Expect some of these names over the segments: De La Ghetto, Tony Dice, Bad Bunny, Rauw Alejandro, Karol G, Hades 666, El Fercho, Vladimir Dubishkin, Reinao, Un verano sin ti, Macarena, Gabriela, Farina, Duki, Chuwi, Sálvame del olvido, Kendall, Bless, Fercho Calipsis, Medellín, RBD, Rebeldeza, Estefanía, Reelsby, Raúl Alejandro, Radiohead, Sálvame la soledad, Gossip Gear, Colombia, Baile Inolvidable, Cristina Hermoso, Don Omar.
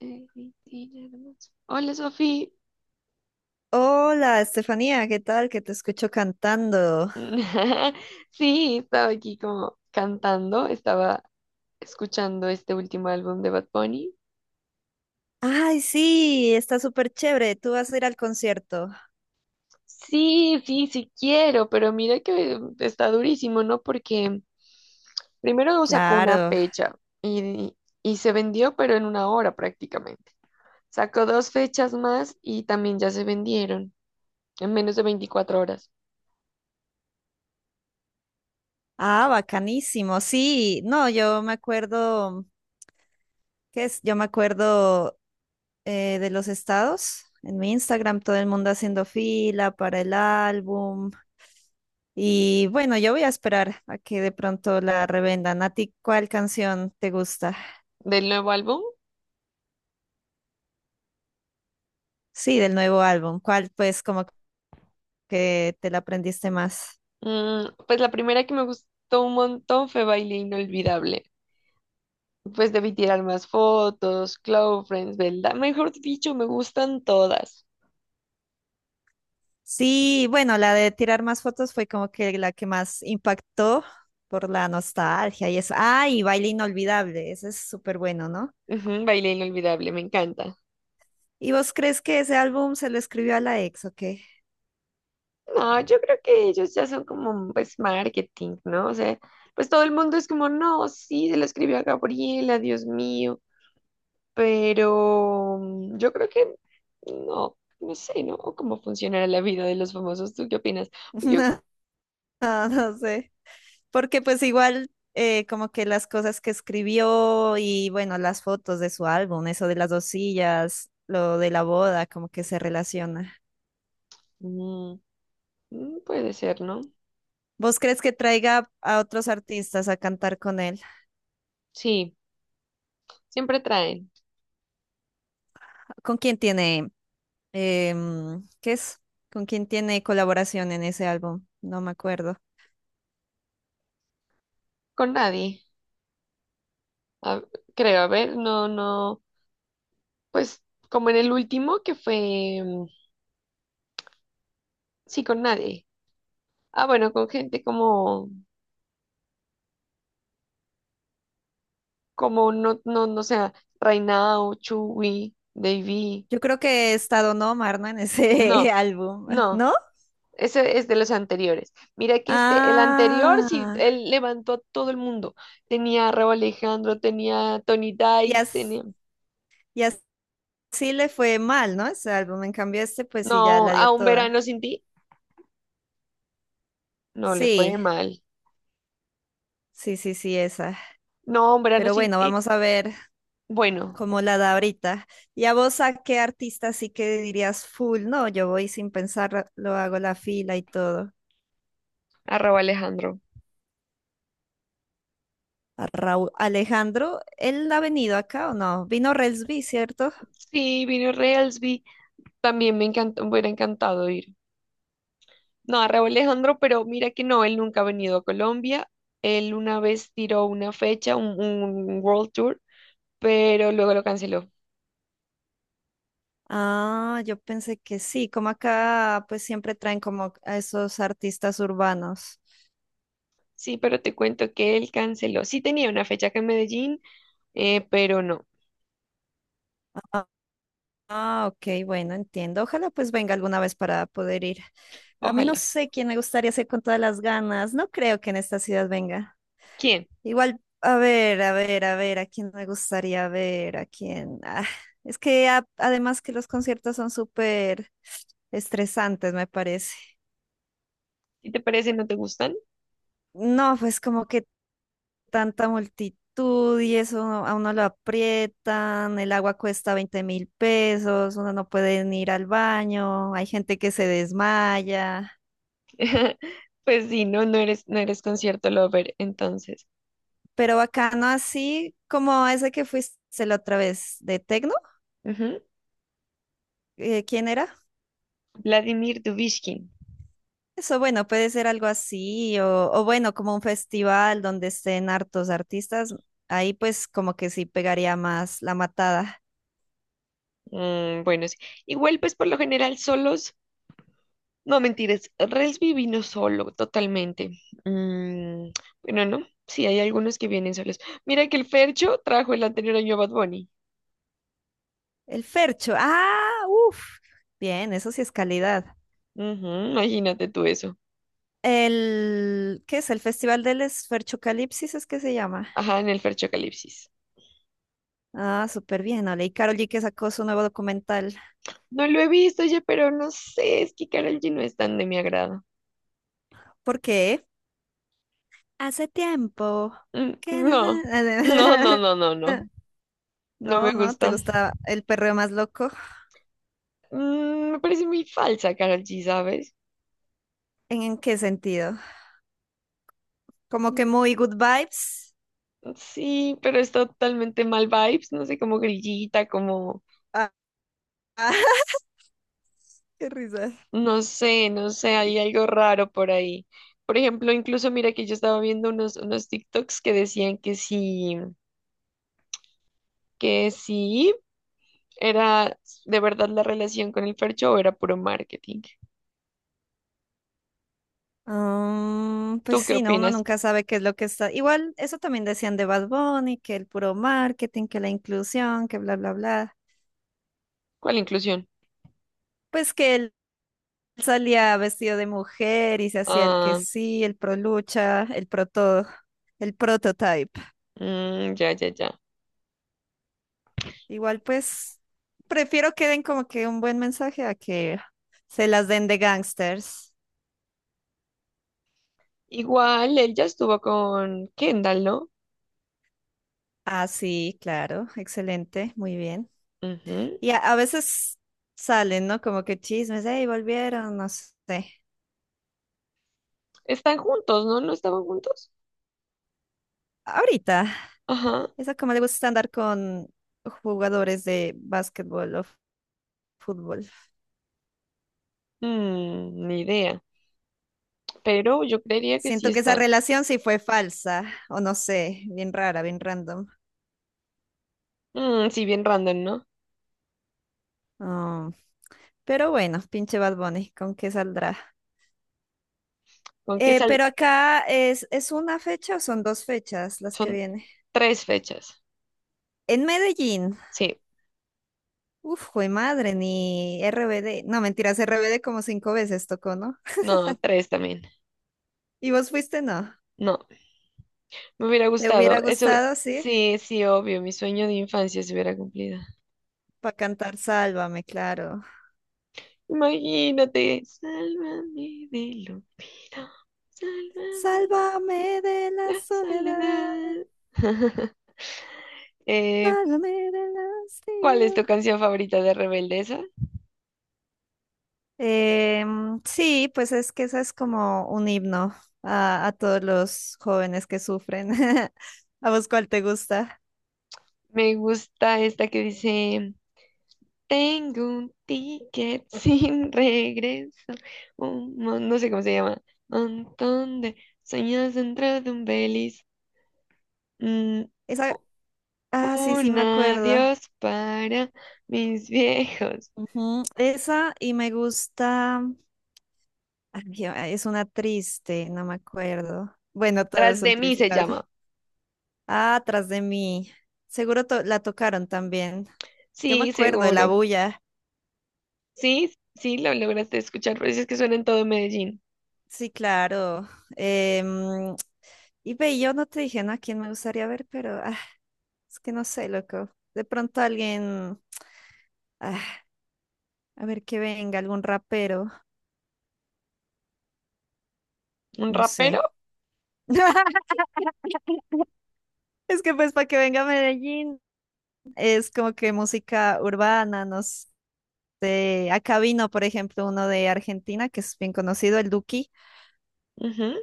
Cristina Hermoso. Hola, Sofi. Hola, Estefanía, ¿qué tal? Que te escucho cantando. Sí, estaba aquí como cantando, estaba escuchando este último álbum de Bad Bunny. Ay, sí, está súper chévere. ¿Tú vas a ir al concierto? Sí, sí, sí quiero, pero mira que está durísimo, ¿no? Porque primero no sacó una Claro. fecha y, y se vendió, pero en una hora prácticamente. Sacó dos fechas más y también ya se vendieron en menos de 24 horas. Ah, bacanísimo. Sí, no, yo me acuerdo, ¿qué es? Yo me acuerdo de los estados. En mi Instagram todo el mundo haciendo fila para el álbum. Y bueno, yo voy a esperar a que de pronto la revendan. ¿A ti cuál canción te gusta? Del nuevo álbum. Sí, del nuevo álbum. ¿Cuál pues como que te la aprendiste más? Pues la primera que me gustó un montón fue Baile Inolvidable. Pues debí tirar más fotos, Close Friends, ¿verdad? Mejor dicho, me gustan todas. Sí, bueno, la de tirar más fotos fue como que la que más impactó por la nostalgia y eso. Ah, y Baile Inolvidable, ese es súper bueno, ¿no? Ujú, Baile Inolvidable, me encanta. ¿Y vos crees que ese álbum se lo escribió a la ex o qué? No, yo creo que ellos ya son como, pues, marketing, ¿no? O sea, pues todo el mundo es como, no, sí, se la escribió a Gabriela, Dios mío. Pero yo creo que no, no sé, ¿no? O cómo funcionará la vida de los famosos. ¿Tú qué opinas? Yo, No, no sé. Porque pues igual como que las cosas que escribió y bueno, las fotos de su álbum, eso de las dos sillas, lo de la boda, como que se relaciona. mm, puede ser, ¿no? ¿Vos crees que traiga a otros artistas a cantar con él? Sí, siempre traen. ¿Con quién tiene? ¿Qué es? ¿Con quién tiene colaboración en ese álbum? No me acuerdo. Con nadie. a- Creo, a ver, no, no. Pues como en el último que fue. Mm, sí, con nadie. Ah, bueno, con gente como. Como no, no, no sé, Reinao, Chuwi, Davy. Yo creo que está Don Omar, ¿no? En ese No, álbum, no. ¿no? Ese es de los anteriores. Mira que este, el anterior, sí, Ah, él levantó a todo el mundo. Tenía a Rauw Alejandro, tenía a Tony y Dice, tenía. as- y así le fue mal, ¿no? Ese álbum. En cambio, este, pues sí, ya No, la dio a un toda. verano sin ti. No le fue Sí, mal. sí, sí, sí, esa. No, un verano Pero sin bueno, ti. vamos a ver Bueno, cómo la da ahorita. ¿Y a vos a qué artista sí que dirías full? No, yo voy sin pensar, lo hago la fila y todo. arroba Alejandro. A Raúl Alejandro, ¿él ha venido acá o no? Vino Relsby, ¿cierto? Sí, vino Reelsby. También me encantó, me hubiera encantado ir. No, arroba Alejandro, pero mira que no, él nunca ha venido a Colombia. Él una vez tiró una fecha, un World Tour, pero luego lo canceló. Ah, yo pensé que sí, como acá pues siempre traen como a esos artistas urbanos. Sí, pero te cuento que él canceló. Sí tenía una fecha acá en Medellín, pero no. Ah, ah, ok, bueno, entiendo. Ojalá pues venga alguna vez para poder ir. A mí no Ojalá. sé quién me gustaría ser con todas las ganas. No creo que en esta ciudad venga. ¿Quién? Igual, a ver, a ver, a ver, a quién me gustaría ver, a quién. Ah, es que además que los conciertos son súper estresantes, me parece. Si te parece, no te gustan. No, pues como que tanta multitud y eso a uno lo aprietan, el agua cuesta 20.000 pesos, uno no puede ni ir al baño, hay gente que se desmaya, Pues sí, no, no eres concierto lover, entonces. pero bacano así como ese que fuiste la otra vez de Tecno, Ujú. ¿Quién era? Vladimir Dubishkin. Eso bueno, puede ser algo así o bueno, como un festival donde estén hartos artistas, ahí pues como que sí pegaría más la matada. Mm, bueno, sí. Igual, pues por lo general solos, no mentiras, Relsby vino solo, totalmente. Mm, bueno, no, sí, hay algunos que vienen solos. Mira que el Fercho trajo el anterior año a Bad Bunny. El Fercho, ah, uff, bien, eso sí es calidad. Ujú, imagínate tú eso. ¿Qué es? El Festival del Esferchocalipsis es que se llama. Ajá, en el Fercho Calipsis. Ah, súper bien, Ale. Y Karol G que sacó su nuevo documental. No lo he visto, oye, pero no sé, es que Karol G no es tan de mi agrado. ¿Por qué? Hace tiempo. ¿Qué? No No, sé. no, no, no, no, no, no me No, no, ¿te gusta. gusta el perreo más loco? Me parece muy falsa Karol G, ¿sabes? ¿En qué sentido? Como que muy good vibes. Sí, pero es totalmente mal vibes, no sé, como grillita, como, Ah, ah, qué risa. no sé, no sé, Y- hay algo raro por ahí. Por ejemplo, incluso mira que yo estaba viendo unos TikToks que decían que sí era de verdad la relación con el Fercho o era puro marketing. pues ¿Tú qué sí, no, uno opinas? nunca sabe qué es lo que está. Igual, eso también decían de Bad Bunny, que el puro marketing, que la inclusión, que bla, bla, bla. ¿Cuál inclusión? Pues que él salía vestido de mujer y se hacía el que Ah, sí, el pro lucha, el pro todo, el prototype. mm, ya, ya, ya. Igual, pues prefiero que den como que un buen mensaje a que se las den de gangsters. Igual, él ya estuvo con Kendall, ¿no? Ah, sí, claro, excelente, muy bien. Ujú. Y a veces salen, ¿no? Como que chismes, hey, volvieron, no sé. Están juntos, ¿no? ¿No estaban juntos? Ahorita, Ajá. esa como le gusta andar con jugadores de básquetbol o fútbol. Ni idea. Pero yo creería que sí Siento que esa están. relación sí fue falsa, o no sé, bien rara, bien random. Mm, sí, bien random, ¿no? Oh, pero bueno, pinche Bad Bunny, ¿con qué saldrá? ¿Con qué Eh, sal? pero acá ¿es una fecha o son dos fechas las que Son viene? tres fechas. En Medellín, Sí, uf, jue madre, ni RBD, no mentiras, RBD como cinco veces tocó, ¿no? no, tres también. ¿Y vos fuiste, no? No, me hubiera ¿Te gustado. hubiera Eso, gustado, sí? sí, sí, obvio. Mi sueño de infancia se hubiera cumplido. Para cantar Sálvame, claro. Imagínate. Sálvame del olvido. Sálvame Sálvame de la la soledad, soledad. Eh, sálvame del ¿Cuál es hastío. tu canción favorita de Rebeldeza? Sí, pues es que esa es como un himno a todos los jóvenes que sufren. ¿A vos cuál te gusta? Me gusta esta que dice. Tengo un ticket sin regreso. No sé cómo se llama. Montón de sueños dentro de un belis. Mm, u- Esa, ah, sí, sí, un me acuerdo. adiós para mis viejos. Ujú, esa y me gusta, ay, es una triste, no me acuerdo. Bueno, todas Tras son de mí tristes. se llama. Ah, atrás de mí. Seguro la tocaron también. Yo me Sí, acuerdo de la seguro. bulla. Sí, sí, lo lograste escuchar, pero es que suena en todo Medellín. Sí, claro. Em, y ve, yo no te dije, ¿no? A quién me gustaría ver, pero ah, es que no sé, loco. De pronto alguien, ah, a ver que venga, algún rapero, ¿Un no rapero? sé. Es que pues para que venga a Medellín es como que música urbana, no sé. Acá vino, por ejemplo, uno de Argentina que es bien conocido, el Duki, Ujú.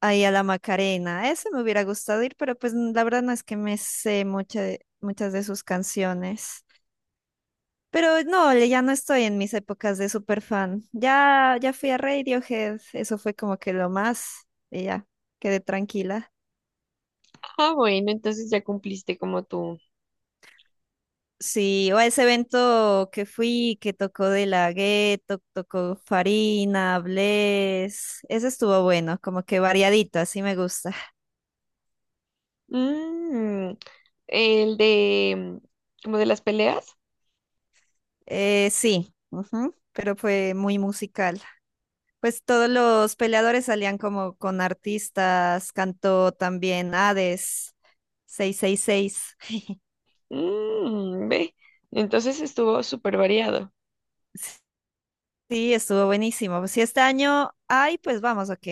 ahí a la Macarena. Ese me hubiera gustado ir, pero pues la verdad no es que me sé mucha muchas de sus canciones. Pero no, ya no estoy en mis épocas de super fan. Ya, ya fui a Radiohead, eso fue como que lo más, y ya, quedé tranquila. Ah, bueno, entonces ya cumpliste como tú. Sí, o a ese evento que fui, que tocó De La Ghetto, tocó Farina, Bless, ese estuvo bueno, como que variadito, así me gusta. Mm, el de, mm, como de las peleas. Sí, ujú, pero fue muy musical. Pues todos los peleadores salían como con artistas, cantó también Hades 666. Mm, ve. Entonces estuvo súper variado. Sí, estuvo buenísimo. Si este año hay, pues vamos, ok.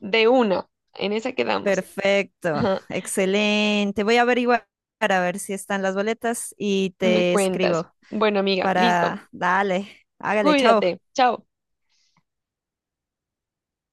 De una, en esa quedamos. Perfecto, Ajá, excelente. Voy a averiguar para ver si están las boletas y me te cuentas. escribo Bueno, amiga, listo. para. Dale, hágale, chao. Cuídate. Chao.